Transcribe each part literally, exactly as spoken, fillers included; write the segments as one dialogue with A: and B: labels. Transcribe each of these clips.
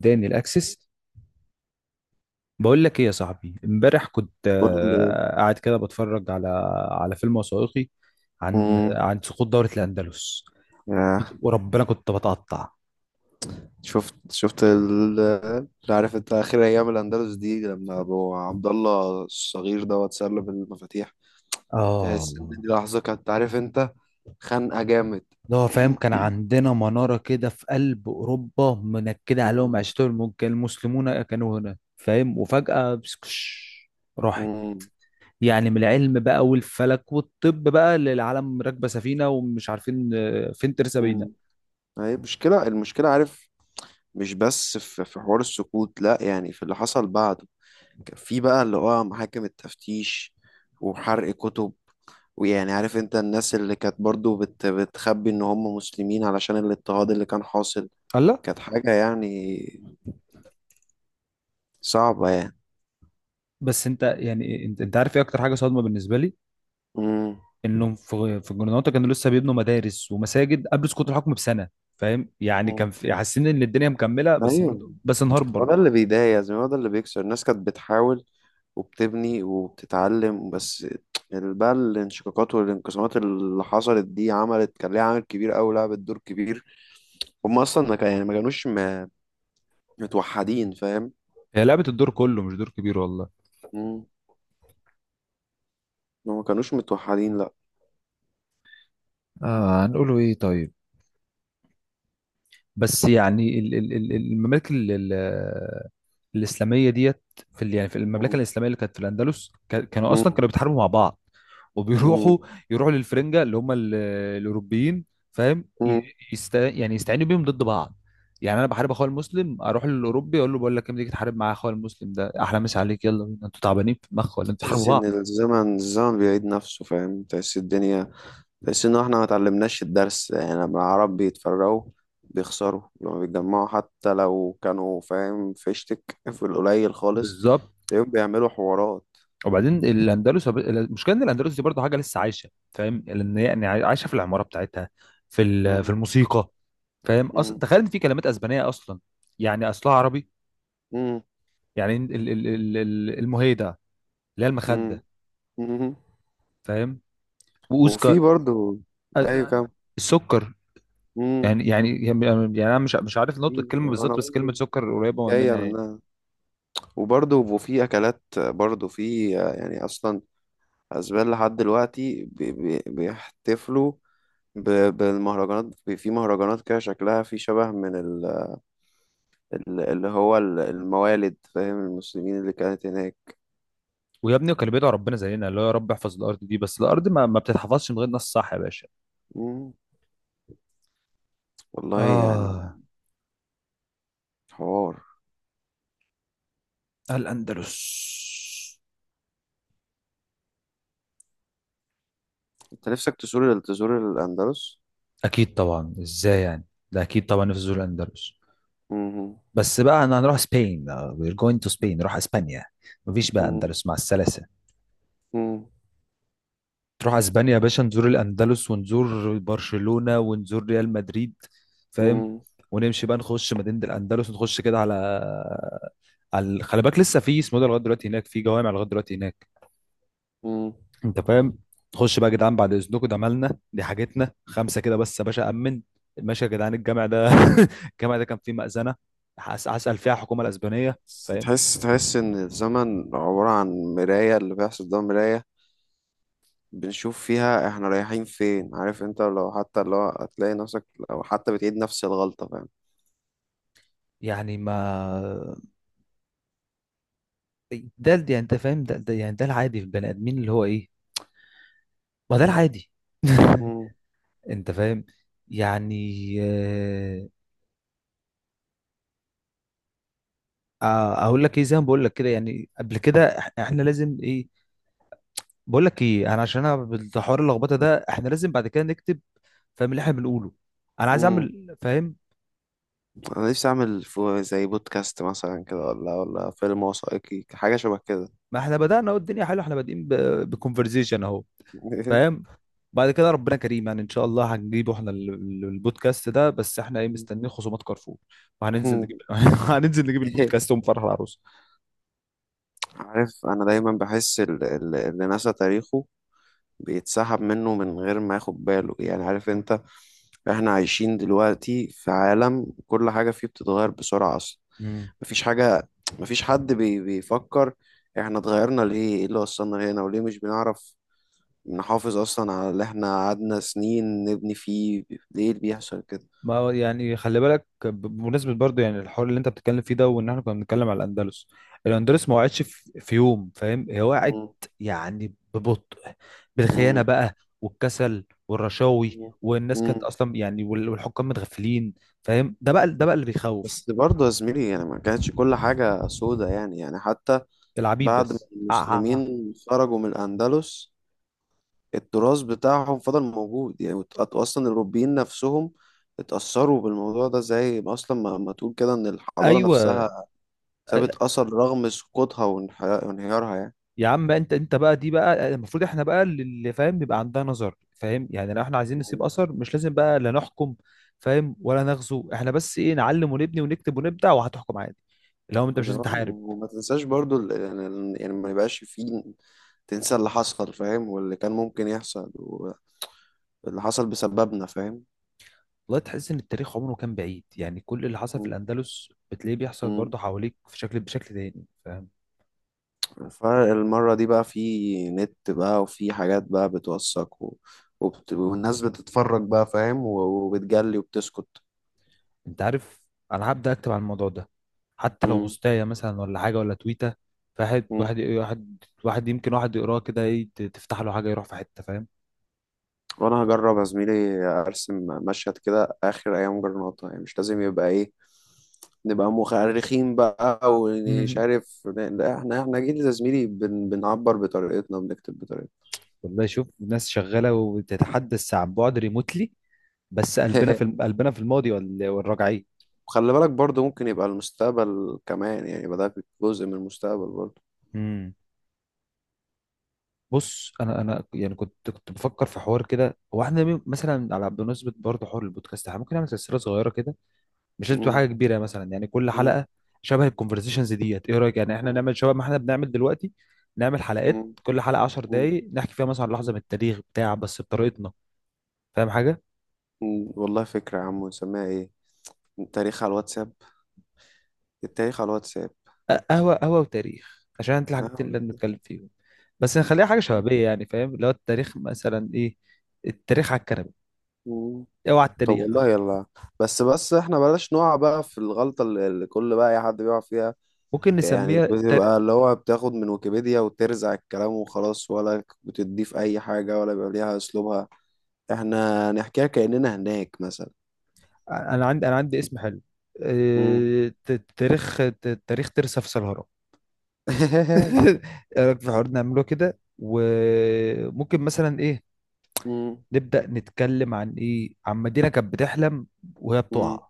A: اداني الاكسس. بقول لك ايه يا صاحبي، امبارح كنت
B: قول لي.
A: آه، قاعد كده بتفرج على على فيلم وثائقي عن
B: مم.
A: عن سقوط دولة الاندلس.
B: يا
A: كنت-
B: أخي،
A: وربنا كنت بتقطع.
B: شفت شفت ال- اللي عارف انت اخر ايام الاندلس دي لما ابو عبد الله الصغير ده اتسلب المفاتيح.
A: اه،
B: تحس ان دي لحظه كانت عارف انت خانقه جامد.
A: ده هو فاهم، كان عندنا منارة كده في قلب اوروبا منكدة عليهم
B: مم.
A: عيشتهم، الم- كان المسلمون كانوا هنا فاهم، وفجأة بسكش راحت.
B: مم.
A: يعني من العلم بقى والفلك والطب بقى للعالم راكبة سفينة ومش عارفين آه، فين ترسى بينا.
B: مم. هي المشكله المشكله عارف، مش بس في في حوار السكوت لا، يعني في اللي حصل بعده. كان في بقى اللي هو محاكم التفتيش وحرق كتب، ويعني عارف انت الناس اللي كانت برضو بت بتخبي ان هم مسلمين علشان الاضطهاد اللي كان حاصل.
A: الله.
B: كانت حاجة يعني صعبة يعني.
A: بس انت يعني انت, انت عارف ايه اكتر حاجه صادمه بالنسبه لي؟
B: امم.
A: انهم في في الجرناطه كانوا لسه بيبنوا مدارس ومساجد قبل سقوط الحكم بسنه، فاهم؟ يعني كان
B: امم.
A: في حاسين ان الدنيا مكمله، بس
B: ايوه،
A: برضه، بس انهارت
B: هو ده
A: برضه.
B: اللي بيضايق يا زلمة، هو ده اللي بيكسر الناس. كانت بتحاول وبتبني وبتتعلم، بس ال- بقى الانشقاقات والانقسامات اللي حصلت دي عملت، كان ليها عامل كبير أوي، لعبت دور كبير. هم اصلا ما كان يعني ما كانوش م- متوحدين فاهم.
A: هي لعبه الدور كله، مش دور كبير، والله.
B: امم. هم ما كانوش متوحدين لا.
A: آه، هنقوله ايه؟ طيب. بس يعني ال- ال- ال- الممالك ال- ال- الاسلاميه ديت. في ال- يعني في المملكه
B: امم.
A: الاسلاميه اللي كانت في الاندلس، كا- كانوا اصلا كانوا بيتحاربوا مع بعض،
B: امم.
A: وبيروحوا يروحوا للفرنجه، اللي هم ال- الاوروبيين، فاهم؟ ي-
B: امم.
A: يست... يعني يستعينوا بيهم ضد بعض. يعني انا بحارب اخويا المسلم، اروح للاوروبي اقول له بقول لك إيه، ما تيجي تحارب مع اخويا المسلم، ده احلى. مسا عليك، يلا بينا، انتوا تعبانين في المخ ولا انتوا بتحاربوا
B: تحس ان
A: بعض؟
B: الزمن الزمن بيعيد نفسه فاهم، تحس الدنيا، تحس ان احنا ما اتعلمناش الدرس. يعني لما العرب بيتفرقوا بيخسروا، لما بيتجمعوا حتى لو كانوا فاهم فيشتك في القليل خالص
A: بالظبط.
B: تلاقيهم بيعملوا حوارات.
A: وبعدين الاندلس، المشكله ان الاندلس دي برضه حاجه لسه عايشه، فاهم؟ لان هي يعني عايشه في العماره بتاعتها، في ال- في
B: مم.
A: الموسيقى، فاهم؟ أص...
B: مم.
A: تخيل ان في كلمات اسبانيه اصلا يعني اصلها عربي.
B: مم.
A: يعني ال... ال... ال... ال- المهيده، اللي هي
B: مم.
A: المخده،
B: مم.
A: فاهم؟ واوزكا.
B: وفي
A: أ-
B: برضو اي
A: أ-
B: كم.
A: السكر.
B: مم.
A: يعني يعني يعني يعني انا مش مش عارف نطق
B: في-
A: الكلمه
B: انا
A: بالظبط، بس
B: برضو
A: كلمه سكر قريبه من
B: جاية
A: منها، يعني.
B: منها. وبرضو وفي اكلات برضو، في يعني اصلا اسبان لحد دلوقتي بي بي بيحتفلوا ب- بالمهرجانات، بي- في مهرجانات كده شكلها في شبه من ال- ال- اللي هو ال- الموالد فاهم، المسلمين اللي كانت هناك.
A: ويا ابني، وكان بيدعو ربنا زينا، اللي هو يا رب احفظ الارض دي، بس الارض ما, ما بتتحفظش من غير ناس، صح يا باشا؟
B: مم. والله يعني
A: اه،
B: حوار.
A: الاندلس.
B: انت نفسك تزور تزور الاندلس.
A: اكيد طبعا، ازاي يعني؟ ده اكيد طبعا نفس زول اندلس.
B: مم.
A: بس بقى، انا هنروح سبين. وير جوينج تو سبين. نروح اسبانيا. مفيش بقى
B: مم.
A: اندلس، مع السلاسه.
B: مم.
A: تروح اسبانيا يا باشا، نزور الاندلس ونزور برشلونه ونزور ريال مدريد، فاهم؟
B: مم.
A: ونمشي بقى نخش مدينه الاندلس، ونخش كده على على خلي بالك لسه في اسمه ده لغايه دلوقتي هناك، في جوامع لغايه دلوقتي هناك،
B: مم.
A: انت فاهم؟ خش بقى يا جدعان، بعد اذنكم، ده مالنا، دي حاجتنا، خمسه كده بس يا باشا، امن. ماشي يا جدعان، الجامع ده، الجامع ده كان فيه مأذنه. هس- هسأل فيها الحكومه الاسبانيه،
B: بس
A: فاهم؟
B: تحس تحس ان الزمن عبارة عن مراية، اللي بيحصل ده مراية بنشوف فيها احنا رايحين فين عارف انت، لو حتى لو هتلاقي نفسك لو حتى بتعيد نفس الغلطة فاهم.
A: يعني ما ده ده يعني انت فاهم، ده, ده يعني ده العادي في البني ادمين، اللي هو ايه؟ ما ده العادي.
B: امم.
A: انت فاهم؟ يعني آه، آه، اقول لك ايه، زي ما بقول لك كده يعني قبل كده، إح- احنا لازم ايه؟ بقول لك ايه، انا عشان انا بالحوار اللخبطه ده، احنا لازم بعد كده نكتب، فاهم اللي احنا بنقوله؟ انا عايز
B: امم.
A: اعمل فاهم.
B: انا نفسي اعمل فو- زي بودكاست مثلا كده، ولا ولا فيلم وثائقي حاجة شبه كده.
A: ما احنا بدأنا اهو، الدنيا حلوه، احنا بادئين بكونفرزيشن اهو، فاهم؟ بعد كده ربنا كريم، يعني ان شاء الله هنجيبه احنا ال- ال- البودكاست ده. بس احنا ايه؟ مستنيين خصومات كارفور وهننزل نجيب. هننزل نجيب البودكاست ونفرح العروس.
B: عارف، انا دايما بحس ال- ال- اللي نسى تاريخه بيتسحب منه من غير ما ياخد باله يعني عارف انت. احنا عايشين دلوقتي في عالم كل حاجة فيه بتتغير بسرعة. مفيش حاجة، مفيش حد بي بيفكر احنا اتغيرنا ليه، ايه اللي وصلنا هنا، وليه مش بنعرف نحافظ اصلا على اللي احنا قعدنا سنين نبني فيه، ليه اللي بيحصل كده؟
A: ما هو يعني خلي بالك ب- بمناسبة برضه يعني الحوار اللي انت بتتكلم فيه ده، وان احنا كنا بنتكلم على الاندلس. الاندلس ما وقعتش في في يوم، فاهم؟ هي وقعت
B: مم.
A: يعني ببطء، بالخيانة
B: مم.
A: بقى، والكسل والرشاوي،
B: مم.
A: والناس كانت
B: مم.
A: اصلا يعني، وال- والحكام متغفلين، فاهم؟ ده بقى ده بقى اللي بيخوف.
B: بس برضه يا زميلي يعني ما كانتش كل حاجة سودة، يعني يعني حتى
A: العبيد
B: بعد ما
A: بس، آه.
B: المسلمين خرجوا من الأندلس التراث بتاعهم فضل موجود يعني، وت- أصلا الأوروبيين نفسهم اتأثروا بالموضوع ده، زي ما أصلا ما ما تقول كده إن الحضارة
A: ايوه
B: نفسها سابت أثر رغم سقوطها وانحيا- وانهيارها يعني.
A: يا عم بقى. انت انت بقى دي بقى المفروض احنا بقى اللي فاهم يبقى عندها نظر، فاهم يعني؟ لو احنا عايزين نسيب
B: مم.
A: اثر، مش لازم بقى لا نحكم، فاهم، ولا نغزو احنا، بس ايه؟ نعلم ونبني ونكتب ونبدع وهتحكم عادي. اللي هو انت مش لازم تحارب.
B: وما تنساش برضو ال- يعني ال- يعني ما يبقاش فيه تنسى اللي حصل فاهم واللي كان ممكن يحصل واللي حصل بسببنا فاهم.
A: والله تحس ان التاريخ عمره كان بعيد، يعني كل اللي حصل في
B: مم.
A: الاندلس بتلاقيه بيحصل
B: مم.
A: برضه حواليك في شكل، بشكل تاني، فاهم؟
B: فالمرة دي بقى في نت بقى وفي حاجات بقى بتوثق و... وبت... والناس بتتفرج بقى فاهم و- وبتجلي وبتسكت.
A: انت عارف، انا هبدا اكتب عن الموضوع ده، حتى لو بوستايه مثلا ولا حاجه ولا تويته، فواحد
B: مم.
A: واحد واحد واحد يمكن واحد يقراه كده ايه، تفتح له حاجه يروح في حته،
B: وانا هجرب يا زميلي ارسم مشهد كده اخر ايام جرناطة، يعني مش لازم يبقى ايه نبقى مؤرخين بقى ومش
A: فاهم؟
B: عارف لا، احنا احنا جيل يا زميلي بن بنعبر بطريقتنا وبنكتب بطريقتنا.
A: والله شوف، ناس شغالة وتتحدث عن بعد، ريموتلي، بس قلبنا، في قلبنا في الماضي وال- والراجعين.
B: وخلي بالك برضه ممكن يبقى المستقبل كمان، يعني يبقى ده جزء من المستقبل برضه.
A: امم. بص، انا انا يعني كنت كنت بفكر في حوار كده، هو احنا مي- مثلا على بمناسبه برضه حوار البودكاست، احنا ممكن نعمل سلسله صغيره كده، مش لازم تبقى حاجه
B: مم.
A: كبيره يعني، مثلا يعني كل
B: مم.
A: حلقه شبه الكونفرسيشنز ديت، ايه رايك يعني؟ احنا
B: مم.
A: نعمل شبه ما احنا بنعمل دلوقتي، نعمل حلقات، كل حلقه 10
B: مم.
A: دقائق، نحكي فيها مثلا عن لحظه
B: مم.
A: من التاريخ بتاع بس بطريقتنا، فاهم؟ حاجه.
B: مم. والله فكرة يا عم، نسميها ايه؟ التاريخ على الواتساب. التاريخ على الواتساب.
A: قهوة قهوة وتاريخ، عشان انت الحاجات اللي بنتكلم فيهم، بس نخليها حاجة شبابية يعني، فاهم؟ اللي هو التاريخ مثلا ايه؟ التاريخ على الكنبة.
B: آه.
A: اوعى
B: طب والله
A: التاريخ.
B: يلا. بس بس احنا بلاش نقع بقى في الغلطة اللي اللي كل بقى اي حد بيقع فيها،
A: ممكن
B: يعني
A: نسميها تار...
B: بتبقى اللي هو بتاخد من ويكيبيديا وترزع الكلام وخلاص ولا بتضيف اي حاجة ولا بيبقى ليها اسلوبها. احنا نحكيها كأننا هناك مثلا.
A: انا عندي انا عندي اسم حلو،
B: مم.
A: آه، ت- تاريخ ت- تاريخ ترسة في سلهرة. ايه رأيك في الحوار، نعمله كده؟ وممكن مثلا ايه؟
B: مم.
A: نبدأ نتكلم عن ايه؟ عن مدينة كانت بتحلم وهي
B: مم.
A: بتقع،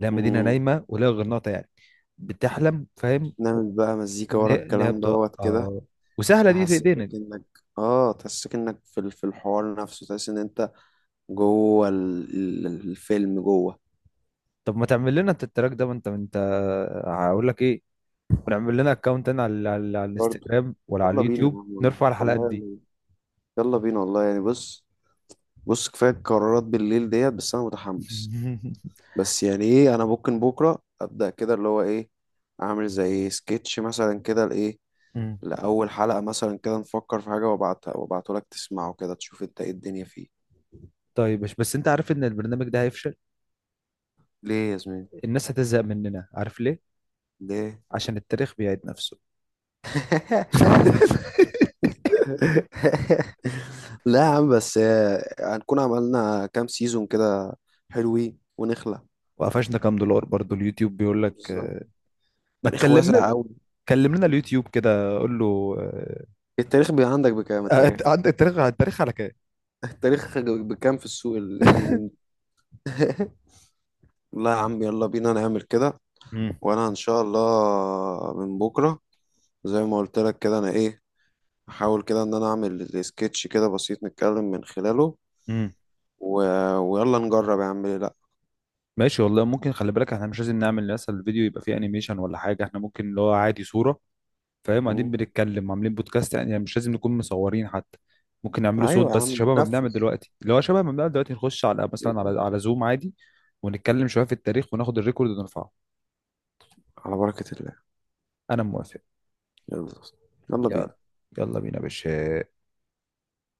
A: لا مدينة
B: مم.
A: نايمة ولا غرناطة يعني، بتحلم، فاهم؟
B: نعمل بقى مزيكا
A: ان
B: ورا
A: هي إن هي
B: الكلام
A: بتوقع،
B: دوت كده،
A: اه. وسهله دي في
B: تحسسك
A: ايدينا دي.
B: انك اه تحسسك انك في ال- في الحوار نفسه، تحس ان انت جوه ال- ال- الفيلم جوه.
A: طب ما تعمل لنا انت التراك ده، ما انت ما انت هقول لك ايه، ونعمل لنا اكونت انا على على, على
B: برضه
A: الانستجرام ولا على
B: يلا بينا يا
A: اليوتيوب،
B: عم، والله
A: نرفع الحلقات
B: والله
A: دي.
B: يعني، يلا بينا والله يعني. بص بص كفاية قرارات بالليل ديت، بس أنا متحمس. بس يعني إيه، أنا ممكن بكرة أبدأ كده اللي هو إيه، أعمل زي سكتش مثلا كده لإيه،
A: مم.
B: لأول حلقة مثلا كده، نفكر في حاجة وأبعتها وأبعته لك تسمعه كده تشوف أنت إيه الدنيا فيه.
A: طيب، مش بس انت عارف ان البرنامج ده هيفشل؟
B: ليه يا زميلي؟
A: الناس هتزهق مننا، عارف ليه؟
B: ليه؟
A: عشان التاريخ بيعيد نفسه.
B: لا يا عم، بس آه، هنكون عملنا كام سيزون كده حلوين ونخلع.
A: وقفشنا كام دولار برضو اليوتيوب بيقول لك،
B: بالظبط،
A: آه، ما
B: تاريخ
A: تكلم
B: واسع
A: لنا،
B: أوي.
A: كلم لنا اليوتيوب كده، قول له آه،
B: التاريخ بي عندك بكام؟
A: آه،
B: التاريخ
A: عندك التاريخ؟ التاريخ على كام؟
B: التاريخ بكام في السوق ال- اليومين دول؟ لا يا عم يلا بينا نعمل كده،
A: مم.
B: وانا ان شاء الله من بكره زي ما قلت لك كده انا ايه احاول كده ان انا اعمل سكتش كده بسيط نتكلم من خلاله
A: مم.
B: و... ويلا نجرب يا عم ليه لا.
A: ماشي والله، ممكن خلي بالك احنا مش لازم نعمل مثلا الفيديو يبقى فيه انيميشن ولا حاجه، احنا ممكن اللي هو عادي صوره، فاهم؟ قاعدين
B: مم.
A: بنتكلم عاملين بودكاست يعني، مش لازم نكون مصورين حتى. ممكن نعمله صوت
B: ايوه يا
A: بس
B: عم
A: شبه ما بنعمل
B: بننفذ.
A: دلوقتي، اللي هو شبه ما بنعمل دلوقتي، نخش على مثلا على على زوم عادي، ونتكلم شويه في التاريخ وناخد الريكورد ونرفعه.
B: على بركه الله.
A: انا موافق.
B: يلا. يلا بينا.
A: يلا، يلا بينا يا باشا.